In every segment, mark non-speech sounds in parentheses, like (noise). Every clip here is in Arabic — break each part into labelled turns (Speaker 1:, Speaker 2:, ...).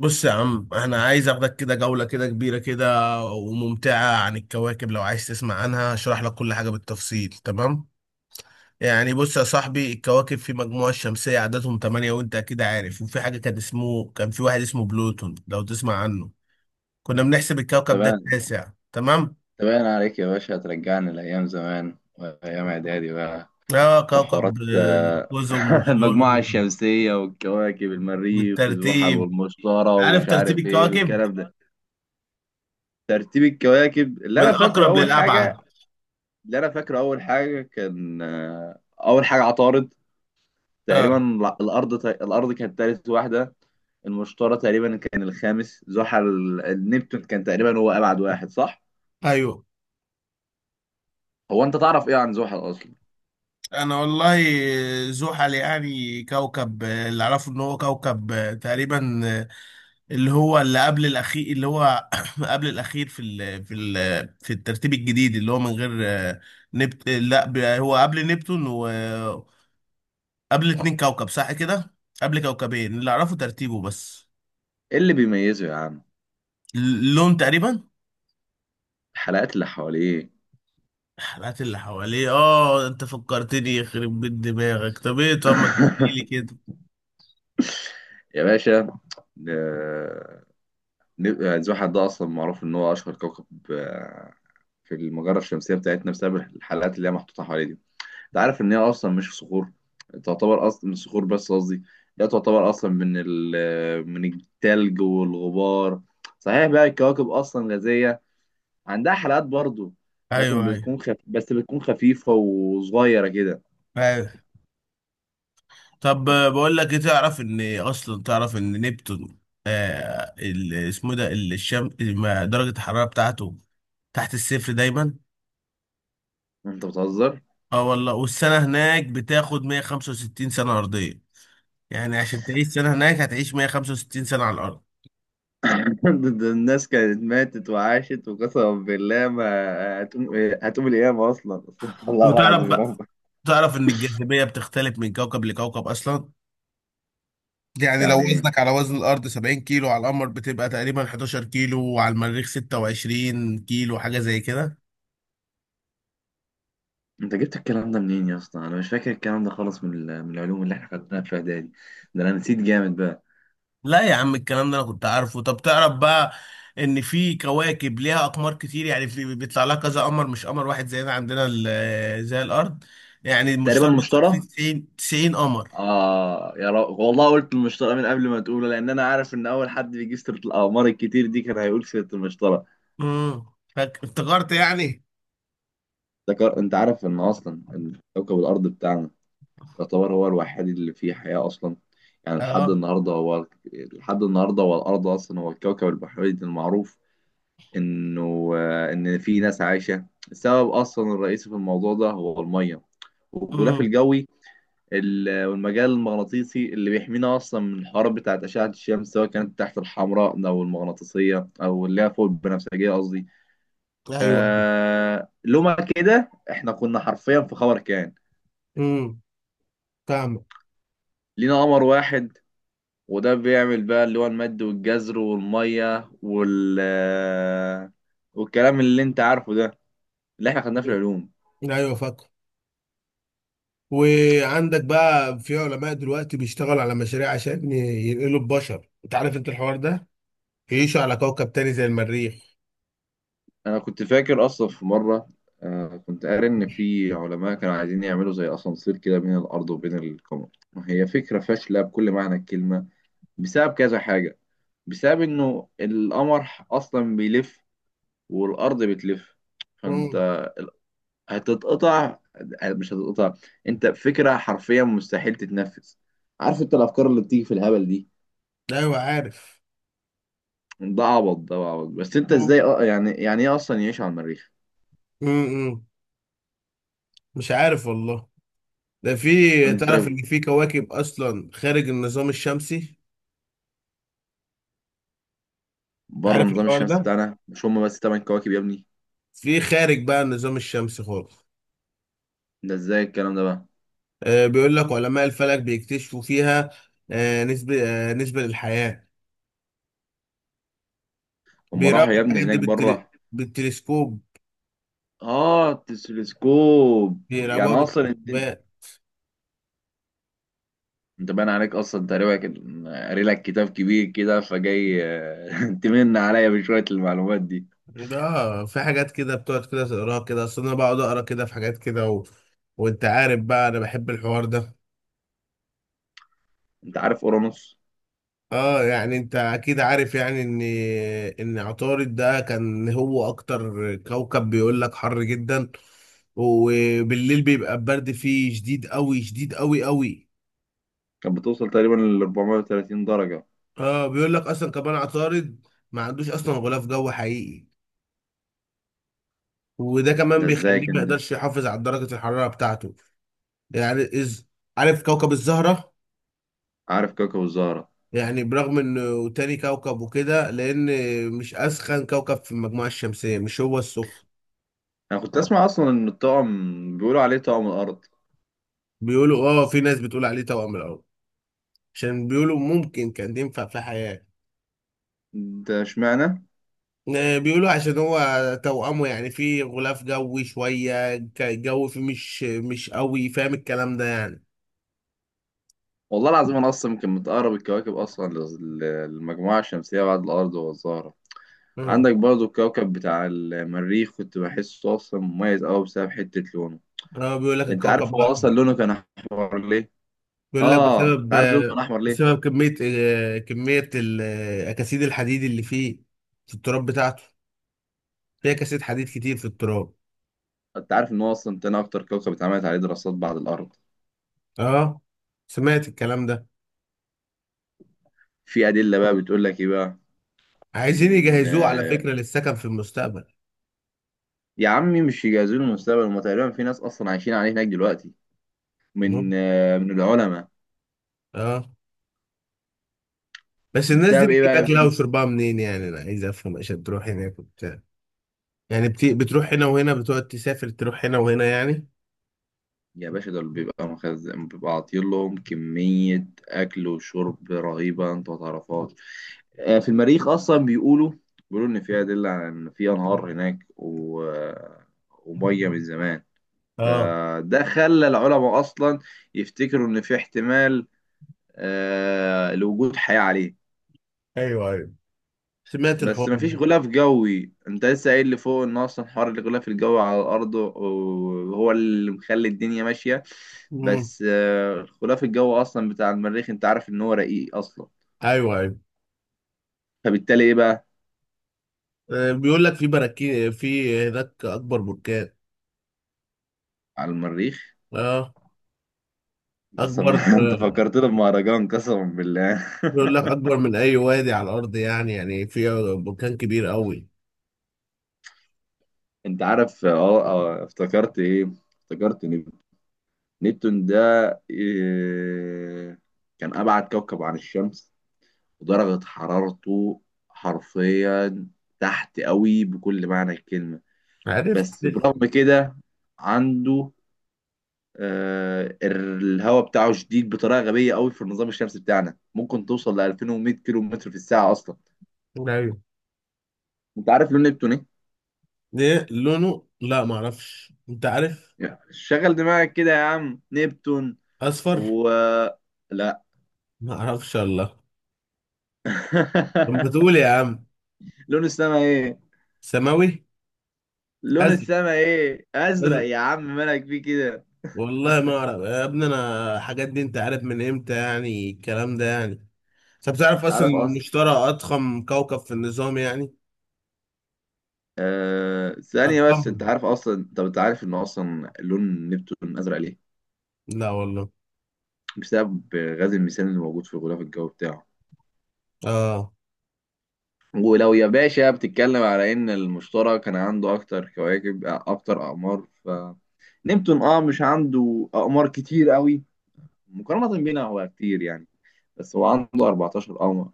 Speaker 1: بص يا عم انا عايز اخدك كده جولة كده كبيرة كده وممتعة عن الكواكب، لو عايز تسمع عنها اشرح لك كل حاجة بالتفصيل. تمام، يعني بص يا صاحبي، الكواكب في مجموعة الشمسية عددهم تمانية، وانت اكيد عارف. وفي حاجة كان اسمه، كان في واحد اسمه بلوتون، لو تسمع عنه. كنا بنحسب
Speaker 2: ده
Speaker 1: الكوكب ده
Speaker 2: باين
Speaker 1: التاسع. تمام.
Speaker 2: ده باين عليك يا باشا، هترجعني لأيام زمان وأيام إعدادي بقى
Speaker 1: اه
Speaker 2: وحوارات
Speaker 1: كوكب قزم
Speaker 2: (laughs) المجموعة
Speaker 1: وشيولو.
Speaker 2: الشمسية والكواكب: المريخ والزحل
Speaker 1: بالترتيب.
Speaker 2: والمشتري
Speaker 1: عارف
Speaker 2: ومش
Speaker 1: ترتيب
Speaker 2: عارف إيه
Speaker 1: الكواكب؟
Speaker 2: والكلام ده. ترتيب الكواكب اللي
Speaker 1: من
Speaker 2: أنا فاكره
Speaker 1: الاقرب
Speaker 2: أول
Speaker 1: للابعد.
Speaker 2: حاجة، اللي أنا فاكره أول حاجة كان آه، أول حاجة عطارد.
Speaker 1: اه.
Speaker 2: تقريبا لا، الأرض كانت تالت واحدة. المشتري تقريبا كان الخامس، زحل. النبتون كان تقريبا هو أبعد واحد، صح؟
Speaker 1: ايوه.
Speaker 2: هو أنت تعرف إيه عن زحل أصلا؟
Speaker 1: انا والله، زحل يعني كوكب، اللي اعرفه ان هو كوكب، تقريبا، اللي هو اللي قبل الاخير، اللي هو (coughs) (clears throat) قبل الاخير في الترتيب الجديد، اللي هو من غير نبت لا ب- هو قبل نبتون، وقبل اتنين كوكب، صح كده، قبل كوكبين اللي اعرفه ترتيبه بس.
Speaker 2: إيه اللي بيميزه يا عم؟
Speaker 1: اللون تقريبا.
Speaker 2: الحلقات اللي حواليه.
Speaker 1: الحلقات اللي حواليه، اه انت فكرتني، يخرب بيت دماغك، طب ايه، طب ما تحكيلي
Speaker 2: (laughs)
Speaker 1: كده.
Speaker 2: يا باشا، آه، نبقى زحل ده اصلا معروف ان هو اشهر كوكب آه، في المجره الشمسيه بتاعتنا بسبب الحلقات اللي هي محطوطه حواليه دي. انت عارف ان هي اصلا مش في صخور، تعتبر اصلا من صخور، بس قصدي لا، تعتبر اصلا من التلج والغبار. صحيح بقى الكواكب اصلا غازيه، عندها حلقات برضو، لكن
Speaker 1: ايوه، ايوه،
Speaker 2: بتكون بس بتكون خفيفه وصغيره كده.
Speaker 1: ايوه. طب بقول لك ايه، تعرف ان اصلا تعرف ان نبتون، اسمه ده ال- الشم ما- درجة الحرارة بتاعته تحت الصفر دايما.
Speaker 2: انت بتهزر؟
Speaker 1: اه والله، والسنة هناك بتاخد 165 سنة أرضية. يعني عشان تعيش سنة هناك هتعيش 165 سنة على الأرض.
Speaker 2: (laughs) ده الناس كانت ماتت وعاشت وقسما بالله ما هتقوم، هتقوم القيامة أصلا. (laughs) استغفر الله
Speaker 1: وتعرف
Speaker 2: العظيم يا
Speaker 1: بقى،
Speaker 2: رب.
Speaker 1: تعرف إن الجاذبية بتختلف من كوكب لكوكب أصلا. يعني لو
Speaker 2: يعني
Speaker 1: وزنك
Speaker 2: إيه؟
Speaker 1: على وزن الأرض 70 كيلو، على القمر بتبقى تقريبا 11 كيلو، وعلى المريخ 26 كيلو، حاجة زي كده.
Speaker 2: أنت جبت الكلام ده منين يا اسطى؟ أنا مش فاكر الكلام ده خالص من العلوم اللي إحنا خدناها في إعدادي. ده أنا نسيت جامد بقى.
Speaker 1: لا يا عم الكلام ده انا كنت عارفه. طب تعرف بقى، ان في كواكب ليها اقمار كتير. يعني في بيطلع لها كذا قمر مش قمر واحد زينا، عندنا زي الارض. يعني
Speaker 2: تقريبا
Speaker 1: المشتري بيطلع فيه
Speaker 2: المشترى.
Speaker 1: 90 قمر.
Speaker 2: آه يا رب والله، قلت المشترى من قبل ما تقوله، لأن أنا عارف إن أول حد بيجيب سيرة الأقمار الكتير دي كان هيقول سيرة المشترى.
Speaker 1: امم افتكرت يعني.
Speaker 2: أنت عارف إن أصلا إن كوكب الأرض بتاعنا يعتبر هو الوحيد اللي فيه حياة أصلا. يعني لحد
Speaker 1: اه.
Speaker 2: النهاردة هو، لحد النهاردة هو، الأرض أصلا هو الكوكب البحري المعروف إنه، إن فيه ناس عايشة. السبب أصلا الرئيسي في الموضوع ده هو المية والغلاف
Speaker 1: امم
Speaker 2: الجوي والمجال المغناطيسي اللي بيحمينا أصلا من الحرارة بتاعت أشعة الشمس، سواء كانت تحت الحمراء أو المغناطيسية أو اللي هي فوق البنفسجية قصدي.
Speaker 1: ايوه.
Speaker 2: آه، لما كده إحنا كنا حرفيا في خبر كان.
Speaker 1: امم فاهمك.
Speaker 2: لينا قمر واحد، وده بيعمل بقى اللي هو المد والجزر والمية وال، والكلام اللي انت عارفه ده، اللي احنا خدناه في العلوم.
Speaker 1: مم. ايوه فاكر. وعندك بقى في علماء دلوقتي بيشتغلوا على مشاريع عشان ينقلوا البشر، انت عارف انت الحوار ده، يعيشوا على كوكب تاني زي المريخ.
Speaker 2: انا كنت فاكر اصلا في مرة، كنت قاري ان في علماء كانوا عايزين يعملوا زي اسانسير كده بين الارض وبين القمر. هي فكرة فاشلة بكل معنى الكلمة، بسبب كذا حاجة. بسبب انه القمر اصلا بيلف، والارض بتلف،
Speaker 1: امم
Speaker 2: فانت هتتقطع. مش هتتقطع، انت فكره حرفيا مستحيل تتنفذ. عارف انت الافكار اللي بتيجي في الهبل دي؟
Speaker 1: ايوه عارف.
Speaker 2: ده عبط. بس انت ازاي، اه يعني، يعني ايه اصلا يعيش على المريخ؟
Speaker 1: امم مش عارف والله. ده في،
Speaker 2: انت
Speaker 1: تعرف ان في كواكب اصلا خارج النظام الشمسي،
Speaker 2: بره
Speaker 1: عارف
Speaker 2: النظام
Speaker 1: الحوار
Speaker 2: الشمسي
Speaker 1: ده،
Speaker 2: بتاعنا مش هم بس تمن كواكب يا ابني.
Speaker 1: في خارج بقى النظام الشمسي خالص.
Speaker 2: ده ازاي الكلام ده بقى؟
Speaker 1: آه بيقول لك علماء الفلك بيكتشفوا فيها، نسبة، نسبة للحياة.
Speaker 2: هم راحوا
Speaker 1: بيراقبوا
Speaker 2: يا ابني
Speaker 1: الحاجات دي
Speaker 2: هناك بره؟
Speaker 1: بالتلسكوب،
Speaker 2: اه التلسكوب،
Speaker 1: بيراقبوها
Speaker 2: يعني اصلا الدنيا.
Speaker 1: بالتلسكوبات.
Speaker 2: انت باين عليك اصلا، تقريبا قاري لك كتاب كبير كده فجاي، (laughs) تمن عليا بشويه المعلومات دي.
Speaker 1: ده في حاجات كده بتقعد كده تقراها كده، اصل انا بقعد اقرا كده في حاجات كده وانت عارف بقى انا بحب الحوار ده.
Speaker 2: انت عارف اورانوس؟
Speaker 1: اه يعني انت اكيد عارف يعني ان، ان عطارد ده كان هو اكتر كوكب، بيقول لك حر جدا، وبالليل بيبقى البرد فيه شديد قوي شديد قوي قوي.
Speaker 2: كانت بتوصل تقريبا ل 430 درجة.
Speaker 1: اه بيقول لك اصلا كمان عطارد ما عندوش اصلا غلاف جو حقيقي، وده كمان
Speaker 2: ده ازاي
Speaker 1: بيخليه ما
Speaker 2: كان؟
Speaker 1: يقدرش يحافظ على درجة الحرارة بتاعته. يعني عارف كوكب الزهرة؟
Speaker 2: عارف كاكا وزهرة.
Speaker 1: يعني برغم انه تاني كوكب وكده، لان مش اسخن كوكب في المجموعة الشمسية، مش هو السخن.
Speaker 2: انا كنت اه اسمع اصلا ان الطقم بيقولوا عليه طقم الارض.
Speaker 1: بيقولوا اه، في ناس بتقول عليه توأم القمر، عشان بيقولوا ممكن كان ينفع في حياة.
Speaker 2: ده اشمعنى؟
Speaker 1: بيقولوا عشان هو توأمه، يعني في غلاف جوي شوية الجو فيه مش قوي، فاهم الكلام ده يعني.
Speaker 2: والله العظيم انا اصلا يمكن متقرب الكواكب اصلا للمجموعة الشمسية بعد الارض والزهرة.
Speaker 1: اه.
Speaker 2: عندك برضو الكوكب بتاع المريخ، كنت بحسه اصلا مميز قوي بسبب حتة لونه.
Speaker 1: بيقول لك
Speaker 2: انت عارف
Speaker 1: الكوكب
Speaker 2: هو اصلا
Speaker 1: الأحمر.
Speaker 2: لونه كان احمر ليه؟
Speaker 1: بيقول لك
Speaker 2: اه انت
Speaker 1: بسبب
Speaker 2: عارف لونه كان احمر ليه؟
Speaker 1: بسبب كمية، كمية أكاسيد الحديد اللي فيه، في التراب بتاعته، فيه أكاسيد حديد كتير في التراب.
Speaker 2: انت عارف ان هو اصلا تاني اكتر كوكب اتعملت عليه دراسات بعد الارض؟
Speaker 1: اه، سمعت الكلام ده.
Speaker 2: في ادله بقى بتقول لك ايه بقى؟
Speaker 1: عايزين
Speaker 2: ان
Speaker 1: يجهزوه على فكرة للسكن في المستقبل.
Speaker 2: يا عمي مش يجهزوا له المستقبل، هم تقريبا في ناس اصلا عايشين عليه هناك دلوقتي،
Speaker 1: مم.
Speaker 2: من العلماء.
Speaker 1: اه. بس الناس دي
Speaker 2: بسبب ايه
Speaker 1: بتجيب
Speaker 2: بقى يا
Speaker 1: اكلها
Speaker 2: برنس؟
Speaker 1: وشربها منين؟ يعني انا عايز افهم، عشان تروح هناك وبتاع، يعني بتروح هنا وهنا، بتقعد تسافر تروح هنا وهنا يعني.
Speaker 2: يا باشا، دول بيبقى مخزن، بيبقى عاطين لهم كمية أكل وشرب رهيبة أنت ما تعرفهاش. في المريخ أصلا بيقولوا، بيقولوا إن في أدلة على إن في أنهار هناك و... ومية من زمان.
Speaker 1: اه.
Speaker 2: فده خلى العلماء أصلا يفتكروا إن في احتمال لوجود حياة عليه.
Speaker 1: ايوه ايوه سمعت
Speaker 2: بس
Speaker 1: الحوار
Speaker 2: مفيش
Speaker 1: ده.
Speaker 2: غلاف جوي، انت لسه قايل لي فوق ان اصلا حوار الغلاف الجوي على الارض وهو اللي مخلي الدنيا ماشيه.
Speaker 1: امم
Speaker 2: بس الغلاف الجوي اصلا بتاع المريخ انت عارف ان هو رقيق اصلا،
Speaker 1: ايوه ايوه.
Speaker 2: فبالتالي ايه بقى؟
Speaker 1: بيقول لك في براكين في هناك اكبر بركان.
Speaker 2: على المريخ.
Speaker 1: اه
Speaker 2: انت صم...
Speaker 1: اكبر،
Speaker 2: (laughs) انت
Speaker 1: آه،
Speaker 2: فكرتنا بمهرجان قسما بالله.
Speaker 1: بيقول لك اكبر من اي وادي على الارض، يعني يعني في بركان كبير قوي.
Speaker 2: (laughs) انت عارف اه، اه، افتكرت ايه؟ افتكرت نبتون. نبتون ده، إيه... كان ابعد كوكب عن الشمس، ودرجة حرارته حرفيا تحت قوي بكل معنى الكلمة.
Speaker 1: عرفت.
Speaker 2: بس برغم كده، عنده آه الهواء بتاعه شديد بطريقة غبية قوي في النظام الشمسي بتاعنا، ممكن توصل ل 2100 كيلو متر في الساعة أصلا.
Speaker 1: ايوه.
Speaker 2: أنت عارف لون نبتون إيه؟
Speaker 1: ده لونه، لا ما اعرفش، انت عارف.
Speaker 2: يعني شغل دماغك كده يا عم، نبتون،
Speaker 1: اصفر.
Speaker 2: و، لا.
Speaker 1: ما اعرفش الله. طب بتقول
Speaker 2: (laughs)
Speaker 1: يا عم.
Speaker 2: لون السما إيه؟
Speaker 1: ثانوي.
Speaker 2: لون
Speaker 1: ازل.
Speaker 2: السما إيه؟ أزرق
Speaker 1: ازل.
Speaker 2: يا عم، مالك فيه كده؟
Speaker 1: والله ما اعرف يا ابني، انا الحاجات دي انت عارف من امتى يعني الكلام ده يعني. طب تعرف اصلا ان
Speaker 2: تعرف أصلا،
Speaker 1: المشتري اضخم كوكب في النظام يعني،
Speaker 2: آه ثانية بس، أنت
Speaker 1: اضخمهم.
Speaker 2: عارف أصلا، طب أنت عارف إن أصلا لون نبتون أزرق ليه؟
Speaker 1: لا والله.
Speaker 2: بسبب غاز الميثان اللي موجود في الغلاف الجوي بتاعه.
Speaker 1: اه
Speaker 2: ولو يا باشا بتتكلم على إن المشتري كان عنده أكتر كواكب، أكتر أقمار، فنبتون أه مش عنده أقمار كتير قوي، مقارنة بينا هو كتير يعني، بس هو عنده 14 قمر.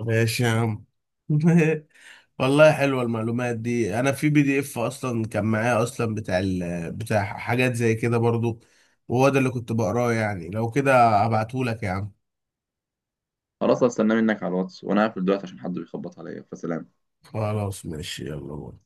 Speaker 1: ماشي يا عم. (laughs) والله حلوه المعلومات دي، انا في بي دي اف اصلا كان معايا اصلا بتاع بتاع حاجات زي كده برضو، وهو ده اللي كنت بقراه. يعني لو كده ابعتهولك يا عم.
Speaker 2: خلاص هستناه منك على الواتس وأنا هقفل دلوقتي عشان حد بيخبط عليا، فسلام.
Speaker 1: خلاص ماشي يلا باي.